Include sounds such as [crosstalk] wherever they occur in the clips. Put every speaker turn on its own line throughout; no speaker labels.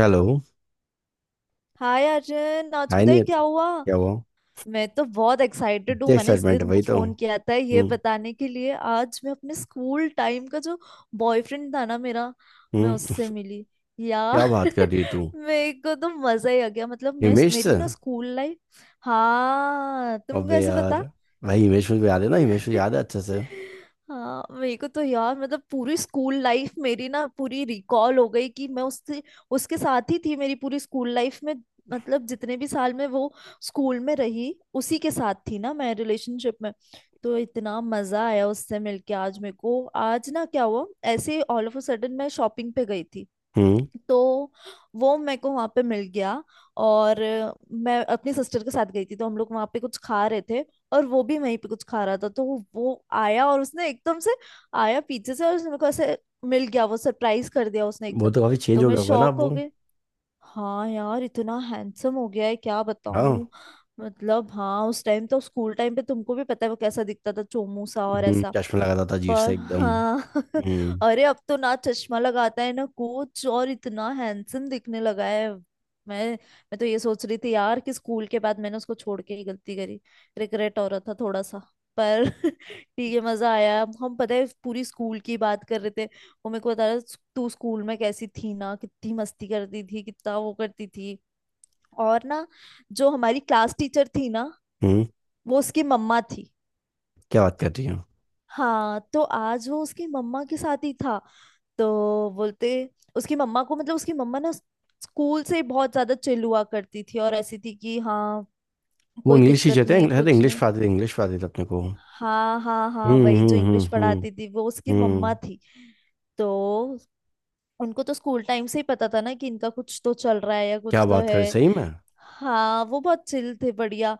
Hello.
Hi Arjun. आज
hi
पता है क्या
नियति।
हुआ?
क्या हुआ।
मैं तो बहुत एक्साइटेड हूँ।
क्या
मैंने इसलिए
एक्साइटमेंट है
तुमको
वही तो।
फोन किया था ये
हम्म।
बताने के लिए। आज मैं अपने स्कूल टाइम का जो बॉयफ्रेंड था ना मेरा, मैं
हम्म।
उससे मिली यार।
क्या बात कर
[laughs]
रही है तू?
मेरे को तो मजा ही आ गया। मतलब मैं,
हिमेश
मेरी
से?
ना स्कूल लाइफ। हाँ, तुमको
अबे
कैसे
यार।
पता?
भाई हिमेश मुझे याद है ना, हिमेश मुझे याद है
[laughs]
अच्छे से।
हाँ, मेरे को तो यार मतलब पूरी स्कूल लाइफ मेरी ना पूरी रिकॉल हो गई कि मैं उससे, उसके साथ ही थी मेरी पूरी स्कूल लाइफ में। मतलब जितने भी साल में वो स्कूल में रही, उसी के साथ थी ना मैं रिलेशनशिप में। तो इतना मजा आया उससे मिलके आज मेरे को। आज ना क्या हुआ, ऐसे ऑल ऑफ अ सडन मैं शॉपिंग पे गई थी,
हम्म।
तो वो मेरे को वहां पे मिल गया। और मैं अपनी सिस्टर के साथ गई थी तो हम लोग वहां पे कुछ खा रहे थे, और वो भी वहीं पे कुछ खा रहा था। तो वो आया और उसने एकदम से, आया पीछे से और उसने मेरे को ऐसे मिल गया, वो सरप्राइज कर दिया उसने
वो
एकदम।
तो काफी चेंज
तो
हो
मैं
गया होगा ना अब
शॉक
वो।
हो गई। हाँ यार, इतना हैंडसम हो गया है, क्या
हाँ।
बताऊं। मतलब हाँ, उस टाइम तो, स्कूल टाइम पे तुमको भी पता है वो कैसा दिखता था, चोमू सा और ऐसा।
चश्मा लगाता था अजीब
पर
से एकदम।
हाँ
हम्म।
[laughs] अरे अब तो ना चश्मा लगाता है ना कुछ, और इतना हैंडसम दिखने लगा है। मैं मैं तो ये सोच रही थी यार कि स्कूल के बाद मैंने उसको छोड़ के ही गलती करी। रिग्रेट हो रहा था थोड़ा सा। पर [laughs] ठीक है, मजा आया। हम पता है पूरी स्कूल की बात कर रहे थे। वो मेरे को बता रहा था, तू स्कूल में कैसी थी ना, कितनी मस्ती करती थी, कितना वो करती थी। और ना, जो हमारी क्लास टीचर थी ना,
हम्म।
वो उसकी मम्मा थी।
क्या बात कर रही हो?
हाँ, तो आज वो उसकी मम्मा के साथ ही था। तो बोलते, उसकी मम्मा को, मतलब उसकी मम्मा ना स्कूल से बहुत ज्यादा चिल हुआ करती थी, और ऐसी थी कि हाँ
वो
कोई
इंग्लिश
दिक्कत
टीचर थे,
नहीं है
अरे
कुछ
इंग्लिश
नहीं।
पढ़ाते थे, इंग्लिश पढ़ाते थे अपने को।
हाँ हाँ हाँ, वही जो इंग्लिश
हम्म।
पढ़ाती थी वो उसकी मम्मा
हम्म।
थी। तो उनको तो स्कूल टाइम से ही पता था ना कि इनका कुछ तो चल रहा है या
क्या
कुछ तो
बात
है।
कर, सही में?
हाँ, वो बहुत चिल थे, बढ़िया।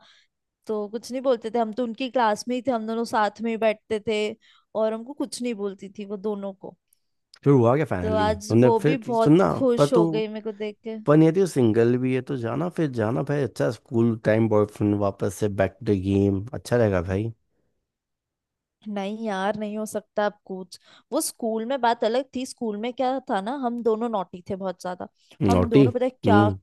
तो कुछ नहीं बोलते थे। हम तो उनकी क्लास में ही थे, हम दोनों साथ में ही बैठते थे और हमको कुछ नहीं बोलती थी वो, दोनों को।
फिर हुआ क्या?
तो
फाइनली
आज
तुमने
वो भी
फिर
बहुत
सुनना। पर
खुश
तू
हो गई मेरे को देख के।
पर यदि वो सिंगल भी है तो जाना, फिर जाना भाई। अच्छा स्कूल टाइम बॉयफ्रेंड वापस से बैक टू गेम, अच्छा रहेगा भाई।
नहीं यार, नहीं हो सकता अब कुछ। वो स्कूल में बात अलग थी। स्कूल में क्या था ना, हम दोनों नॉटी थे बहुत ज्यादा। हम
नोटी।
दोनों पता है क्या
हम्म।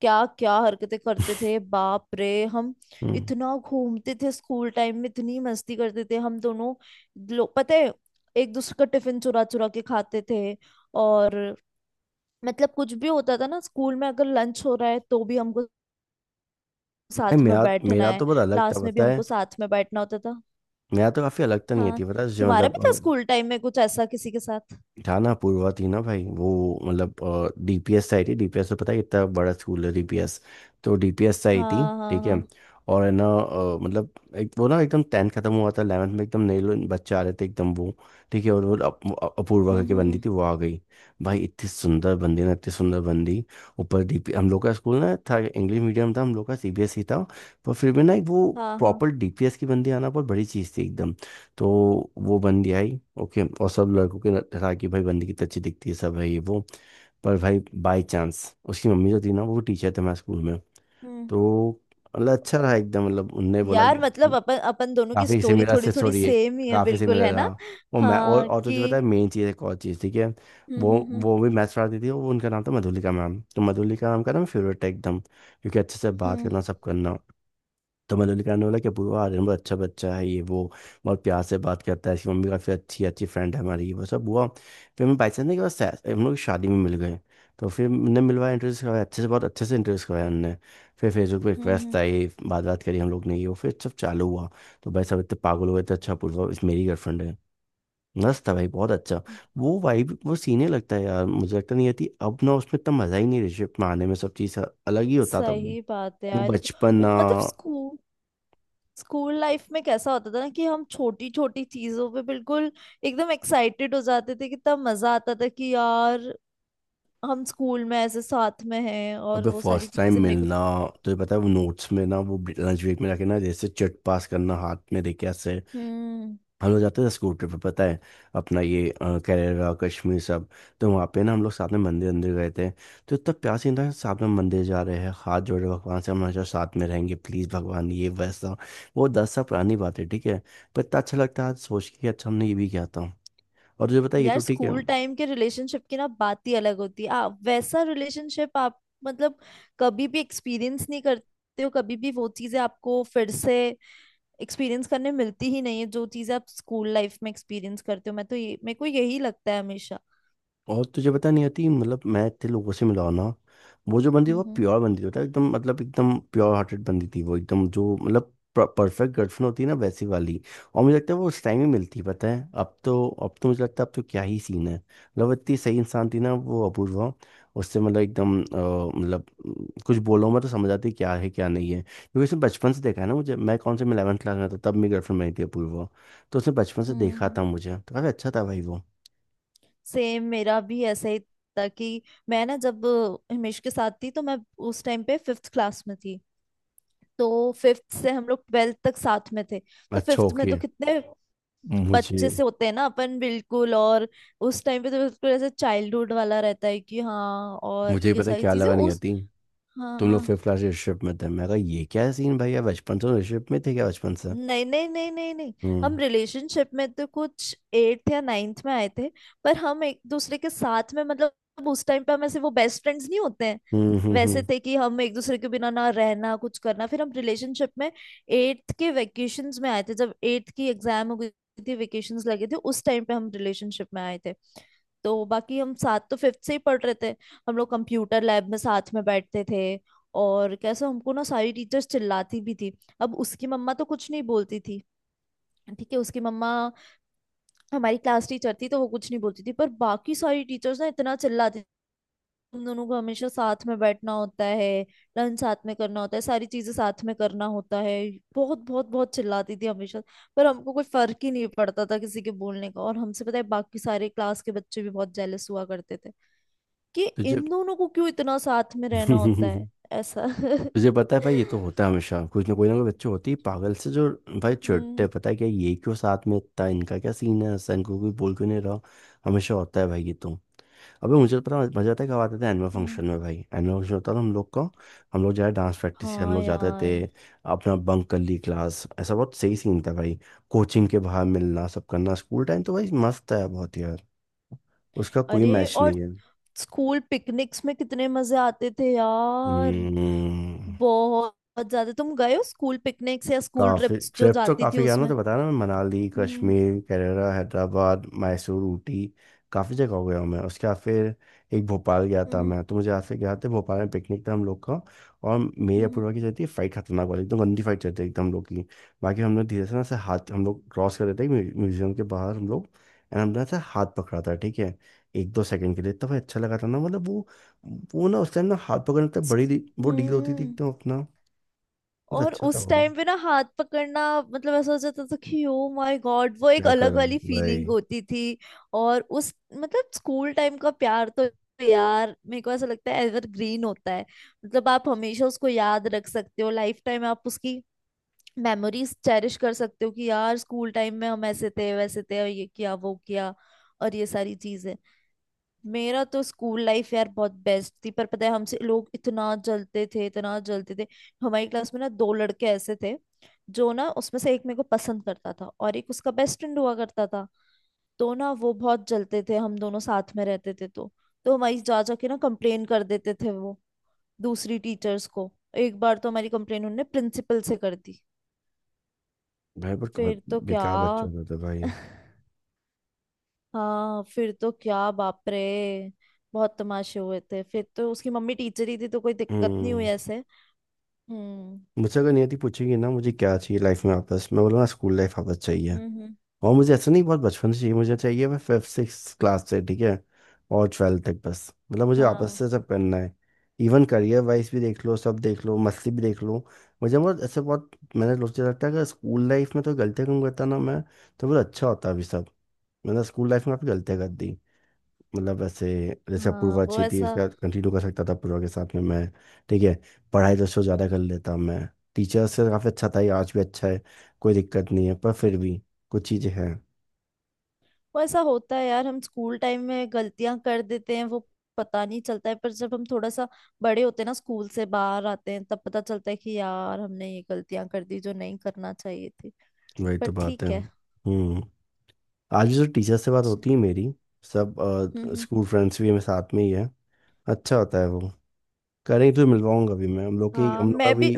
क्या क्या हरकतें करते थे, बाप रे। हम
हम्म।
इतना घूमते थे स्कूल टाइम में, इतनी मस्ती करते थे हम दोनों। लो, पता है, एक दूसरे का टिफिन चुरा चुरा के खाते थे। और मतलब कुछ भी होता था ना स्कूल में, अगर लंच हो रहा है तो भी हमको
नहीं,
साथ में
मेरा
बैठना
मेरा
है,
तो बहुत अलग था
क्लास में भी
पता है।
हमको साथ में बैठना होता था।
मेरा तो काफी अलग था, नहीं
हाँ,
थी पता है जो
तुम्हारा
मतलब।
भी था स्कूल टाइम में कुछ ऐसा किसी के साथ?
था। पूर्वा थी ना भाई वो, मतलब डीपीएस आई थी। डीपीएस तो पता है कितना बड़ा स्कूल है डीपीएस। तो डीपीएस आई थी
हाँ हाँ
ठीक है।
हाँ।
और है ना मतलब एक वो ना एकदम 10th खत्म हुआ था, 11th में एकदम नए लोग बच्चे आ रहे थे एकदम वो। ठीक है। और वो अपूर्वा करके बंदी
हम्म।
थी, वो आ गई। भाई इतनी सुंदर बंदी ना, इतनी सुंदर बंदी। ऊपर डीपी हम लोग का स्कूल ना था, इंग्लिश मीडियम था हम लोग का, सीबीएसई था। पर फिर भी ना, एक वो
हाँ हाँ।
प्रॉपर डीपीएस की बंदी आना बहुत बड़ी चीज़ थी एकदम। तो वो बंदी आई ओके, और सब लड़कों के था कि भाई बंदी कितनी अच्छी दिखती है, सब है ये वो। पर भाई बाय चांस उसकी मम्मी जो थी ना, वो टीचर थे हमारे स्कूल में।
हम्म,
तो मतलब अच्छा रहा एकदम, मतलब उनने बोला कि
यार मतलब अपन अपन दोनों की
काफ़ी
स्टोरी
सिमिलर
थोड़ी
से
थोड़ी
सॉरी है,
सेम ही है,
काफ़ी
बिल्कुल है
सिमिलर हाँ।
ना।
वो मैं और
हाँ
और तुझे
कि
पता है मेन चीज़, एक और चीज़ ठीक है।
हम्म
वो
हम्म हम्म
वो भी मैथ्स पढ़ाती थी, वो उनका नाम था मधुलिका मैम। तो मधुलिका मैम का ना फेवरेट था एकदम, क्योंकि अच्छे से बात
हम्म
करना सब करना। तो मधुलिका ने बोला कि पूरा आर्यन बहुत अच्छा बच्चा है ये वो, बहुत प्यार से बात करता है, इसकी मम्मी काफ़ी अच्छी अच्छी फ्रेंड है हमारी, वो सब हुआ। फिर हम बाई चांस के बाद हम लोग की शादी में मिल गए। तो फिर हमने मिलवाया, इंटरेस्ट करवाया अच्छे से, बहुत अच्छे से इंटरेस्ट करवाया हमने। फिर फेसबुक पे रिक्वेस्ट
हम्म,
आई, बात बात करी हम लोग ने, ये वो फिर सब चालू हुआ। तो भाई सब इतने पागल हो गए थे, अच्छा पूर्वा इस मेरी गर्लफ्रेंड है। मस्त था भाई, बहुत अच्छा।
हम्म।
वो वाइब वो सीने लगता है यार मुझे, लगता नहीं आती अब ना उसमें इतना मजा ही नहीं रिलेशनशिप में आने में, सब चीज अलग ही होता था।
सही
वो
बात है यार ये तो।
बचपन ना।
वो मतलब स्कूल, स्कूल लाइफ में कैसा होता था ना कि हम छोटी छोटी चीजों पे बिल्कुल एकदम एक्साइटेड हो जाते थे। कितना मजा आता था कि यार हम स्कूल में ऐसे साथ में हैं, और
अबे
वो सारी
फर्स्ट टाइम
चीजें मेरे को तो।
मिलना। तुझे पता है वो नोट्स में ना, वो लंच ब्रेक में जाके ना जैसे चिट पास करना हाथ में देके ऐसे।
हम्म,
हम लोग जाते थे स्कूल ट्रिप पे पता है, अपना ये केरला कश्मीर सब। तो वहाँ पे ना हम लोग साथ में मंदिर अंदर गए थे। तो इतना प्यार से था साथ में मंदिर जा रहे हैं, हाथ जोड़े भगवान से हम हमेशा साथ में रहेंगे प्लीज़ भगवान ये वैसा। वो 10 साल पुरानी बात है ठीक है। पर इतना अच्छा लगता है आज सोच के कि अच्छा हमने ये भी किया था। और तुझे पता है ये
यार
तो ठीक है।
स्कूल टाइम के रिलेशनशिप की ना बात ही अलग होती है। वैसा रिलेशनशिप आप मतलब कभी भी एक्सपीरियंस नहीं करते हो। कभी भी वो चीजें आपको फिर से एक्सपीरियंस करने मिलती ही नहीं है, जो चीजें आप स्कूल लाइफ में एक्सपीरियंस करते हो। मैं तो ये, मेरे को यही लगता है हमेशा।
और तुझे पता नहीं आती मतलब मैं इतने लोगों से मिला हूं ना। वो जो बंदी,
हम्म
वो
हम्म
प्योर बंदी होता है एकदम, मतलब एकदम प्योर हार्टेड बंदी थी वो एकदम, जो मतलब परफेक्ट गर्लफ्रेंड होती है ना वैसी वाली। और मुझे लगता है वो उस टाइम ही मिलती है, पता है अब तो, अब तो मुझे लगता है अब तो क्या ही सीन है मतलब। इतनी सही इंसान थी ना वो अपूर्वा। उससे मतलब एकदम मतलब कुछ बोलो मैं तो समझ आती है क्या नहीं है, क्योंकि उसने बचपन से देखा है ना मुझे। मैं कौन से मैं 11th क्लास में था तब मेरी गर्लफ्रेंड बनी थी अपूर्वा। तो उसने बचपन से देखा
हम्म।
था मुझे, तो काफी अच्छा था भाई वो।
सेम मेरा भी ऐसा ही था कि मैं ना जब हिमेश के साथ थी, तो मैं उस टाइम पे फिफ्थ क्लास में थी। तो फिफ्थ से हम लोग ट्वेल्थ तक साथ में थे। तो
अच्छा
फिफ्थ में तो
ओके।
कितने
मुझे
बच्चे से होते हैं ना अपन बिल्कुल, और उस टाइम पे तो बिल्कुल ऐसे चाइल्डहुड वाला रहता है कि हाँ, और
मुझे
ये
पता है
सारी
क्या
चीजें
लगा नहीं
उस।
आती।
हाँ
तुम लोग
हाँ।
फिफ्थ क्लास रिलेशनशिप में थे? मैं कहा ये क्या सीन भैया, बचपन से रिलेशनशिप में थे क्या, बचपन से?
नहीं नहीं नहीं नहीं नहीं।
हम्म
हम रिलेशनशिप में तो कुछ एट्थ या नाइन्थ में आए थे। पर हम एक दूसरे के साथ में, मतलब उस टाइम पे हम ऐसे, वो बेस्ट फ्रेंड्स नहीं होते हैं,
हम्म हम्म
वैसे
हम्म।
थे कि हम एक दूसरे के बिना ना रहना कुछ करना। फिर हम रिलेशनशिप में एट्थ के वेकेशंस में आए थे, जब एट्थ की एग्जाम हो गई थी, वेकेशंस लगे थे उस टाइम पे हम रिलेशनशिप में आए थे। तो बाकी हम साथ तो फिफ्थ से ही पढ़ रहे थे। हम लोग कंप्यूटर लैब में साथ में बैठते थे, और कैसे हमको ना सारी टीचर्स चिल्लाती भी थी। अब उसकी मम्मा तो कुछ नहीं बोलती थी, ठीक है, उसकी मम्मा हमारी क्लास टीचर थी तो वो कुछ नहीं बोलती थी। पर बाकी सारी टीचर्स ना इतना चिल्लाती थी, तुम दोनों को हमेशा साथ में बैठना होता है, लंच साथ में करना होता है, सारी चीजें साथ में करना होता है। बहुत बहुत बहुत चिल्लाती थी हमेशा। पर हमको कोई फर्क ही नहीं पड़ता था किसी के बोलने का। और हमसे पता है बाकी सारे क्लास के बच्चे भी बहुत जेलस हुआ करते थे, कि
तुझे
इन दोनों को क्यों इतना साथ में रहना होता है,
[laughs]
ऐसा।
तुझे
[laughs]
पता है भाई ये तो होता है हमेशा, कुछ ना कोई बच्चे होते ही पागल से जो। भाई चिढ़ते
हम्म
हैं, पता है क्या ये क्यों साथ में इतना इनका क्या सीन है, ऐसा इनको कोई बोल क्यों नहीं रहा। हमेशा होता है भाई ये तो। अबे मुझे तो पता मजा आता है, कब आते थे एनुअल
हम्म।
फंक्शन में, भाई एनुअल फंक्शन होता था हम लोग का। हम लोग जाए डांस प्रैक्टिस हम
हाँ
लोग जाते थे।
यार।
अपना बंक कर ली क्लास, ऐसा बहुत सही सीन था भाई। कोचिंग के बाहर मिलना, सब करना, स्कूल टाइम तो भाई मस्त है बहुत यार। उसका कोई
अरे,
मैच
और
नहीं है।
स्कूल पिकनिक्स में कितने मजे आते थे यार।
हम्म।
बहुत ज्यादा तुम गए हो स्कूल पिकनिक्स या स्कूल
काफी
ट्रिप्स जो
ट्रिप तो
जाती थी,
काफी गया ना,
उसमें?
तो बताया ना मैं, मनाली
हम्म
कश्मीर केरला हैदराबाद मैसूर ऊटी, काफी जगह हो गया हूँ मैं। उसके बाद फिर एक भोपाल गया था
हम्म
मैं, तो मुझे याद से गया था, भोपाल में पिकनिक था हम लोग का। और मेरी
हम्म
अपूर्वा की चलती थी फाइट, खतरनाक वाली एकदम, गंदी फाइट चलती थी एकदम हम लोग की। बाकी हम लोग धीरे से ना ऐसे हाथ हम लोग क्रॉस कर रहे थे म्यूजियम के बाहर हम लोग। एंड हमने ऐसे हाथ पकड़ा था ठीक है। एक दो सेकंड के लिए तब अच्छा लगा था ना मतलब वो ना उस टाइम ना हाथ पकड़ने तक बड़ी वो डील होती थी
हम्म।
एकदम अपना। बहुत
और
अच्छा था
उस
वो।
टाइम पे ना हाथ पकड़ना, मतलब ऐसा हो जाता था कि ओ माय गॉड, वो एक
क्या
अलग
करा?
वाली
भाई।
फीलिंग होती थी। और उस मतलब स्कूल टाइम का प्यार तो यार, मेरे को ऐसा लगता है एवर ग्रीन होता है। मतलब आप हमेशा उसको याद रख सकते हो, लाइफ टाइम आप उसकी मेमोरीज चेरिश कर सकते हो कि यार स्कूल टाइम में हम ऐसे थे वैसे थे, और ये किया वो किया, और ये सारी चीजें। मेरा तो स्कूल लाइफ यार बहुत बेस्ट थी। पर पता है हमसे लोग इतना जलते थे, इतना जलते थे। हमारी क्लास में ना दो लड़के ऐसे थे, जो ना, उसमें से एक मेरे को पसंद करता था और एक उसका बेस्ट फ्रेंड हुआ करता था। तो ना वो बहुत जलते थे, हम दोनों साथ में रहते थे तो हमारी जा जा के ना कंप्लेन कर देते थे वो दूसरी टीचर्स को। एक बार तो हमारी कंप्लेन उन्होंने प्रिंसिपल से कर दी।
भाई पर बहुत
फिर तो क्या,
बेकार बच्चा होता था भाई।
हाँ फिर तो क्या, बाप रे। बहुत तमाशे हुए थे। फिर तो उसकी मम्मी टीचर ही थी तो कोई दिक्कत नहीं हुई
हम्म।
ऐसे। हम्म
मुझसे अगर नियति पूछेगी ना मुझे क्या चाहिए लाइफ में वापस, मैं बोलूँगा स्कूल लाइफ वापस चाहिए।
हम्म हम्म,
और मुझे ऐसा नहीं बहुत बचपन से चाहिए, मुझे चाहिए मैं फिफ्थ सिक्स क्लास से ठीक है, और 12th तक, बस मतलब मुझे वापस
हाँ
से सब करना है। इवन करियर वाइज भी देख लो, सब देख लो, मस्ती भी देख लो। मुझे बहुत ऐसे बहुत, मैंने सोचा लगता है अगर स्कूल लाइफ में तो गलतियाँ कम करता ना मैं, तो बहुत अच्छा होता अभी सब। मैंने स्कूल लाइफ में काफ़ी गलतियाँ कर दी, मतलब ऐसे, जैसे
हाँ।
अपूर्वा
वो
अच्छी थी उसके
ऐसा,
साथ कंटिन्यू कर सकता था, अपूर्वा के साथ में मैं, ठीक है। पढ़ाई तो उससे ज़्यादा कर लेता मैं। टीचर से काफ़ी अच्छा था, ये आज भी अच्छा है, कोई दिक्कत नहीं है, पर फिर भी कुछ चीज़ें हैं।
वो ऐसा होता है यार, हम स्कूल टाइम में गलतियां कर देते हैं, वो पता नहीं चलता है। पर जब हम थोड़ा सा बड़े होते हैं ना, स्कूल से बाहर आते हैं, तब पता चलता है कि यार हमने ये गलतियां कर दी जो नहीं करना चाहिए थी।
वही
पर
तो बात है।
ठीक है।
हम्म। आज भी जो टीचर से बात
अच्छा,
होती है मेरी, सब
हम्म।
स्कूल फ्रेंड्स भी मेरे साथ में ही है, अच्छा होता है वो। करेंगे तो मिलवाऊंगा भी मैं, हम लोग की
हाँ
हम लोग का
मैं भी,
भी।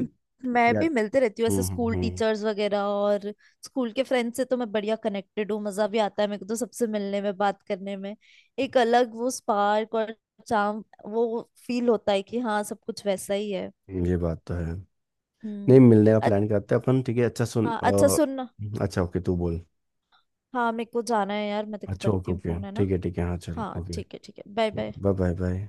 मैं
या-
भी मिलते रहती हूँ ऐसे
हम्म।
स्कूल
हम्म।
टीचर्स वगैरह, और स्कूल के फ्रेंड्स से तो मैं बढ़िया कनेक्टेड हूँ। मजा भी आता है मेरे को तो सबसे मिलने में, बात करने में। एक अलग वो स्पार्क और चार्म वो फील होता है कि हाँ, सब कुछ वैसा ही है।
ये बात तो है। नहीं
हम्म।
मिलने का
अच,
प्लान करते हैं अपन ठीक है अच्छा सुन।
हाँ अच्छा सुन,
अच्छा ओके तू बोल।
हाँ मेरे को जाना है यार, मैं तेरे को
अच्छा ओके
करती हूँ
ओके
फोन है ना।
ठीक है हाँ चलो
हाँ
ओके।
ठीक है ठीक है, bye bye.
Bye bye bye.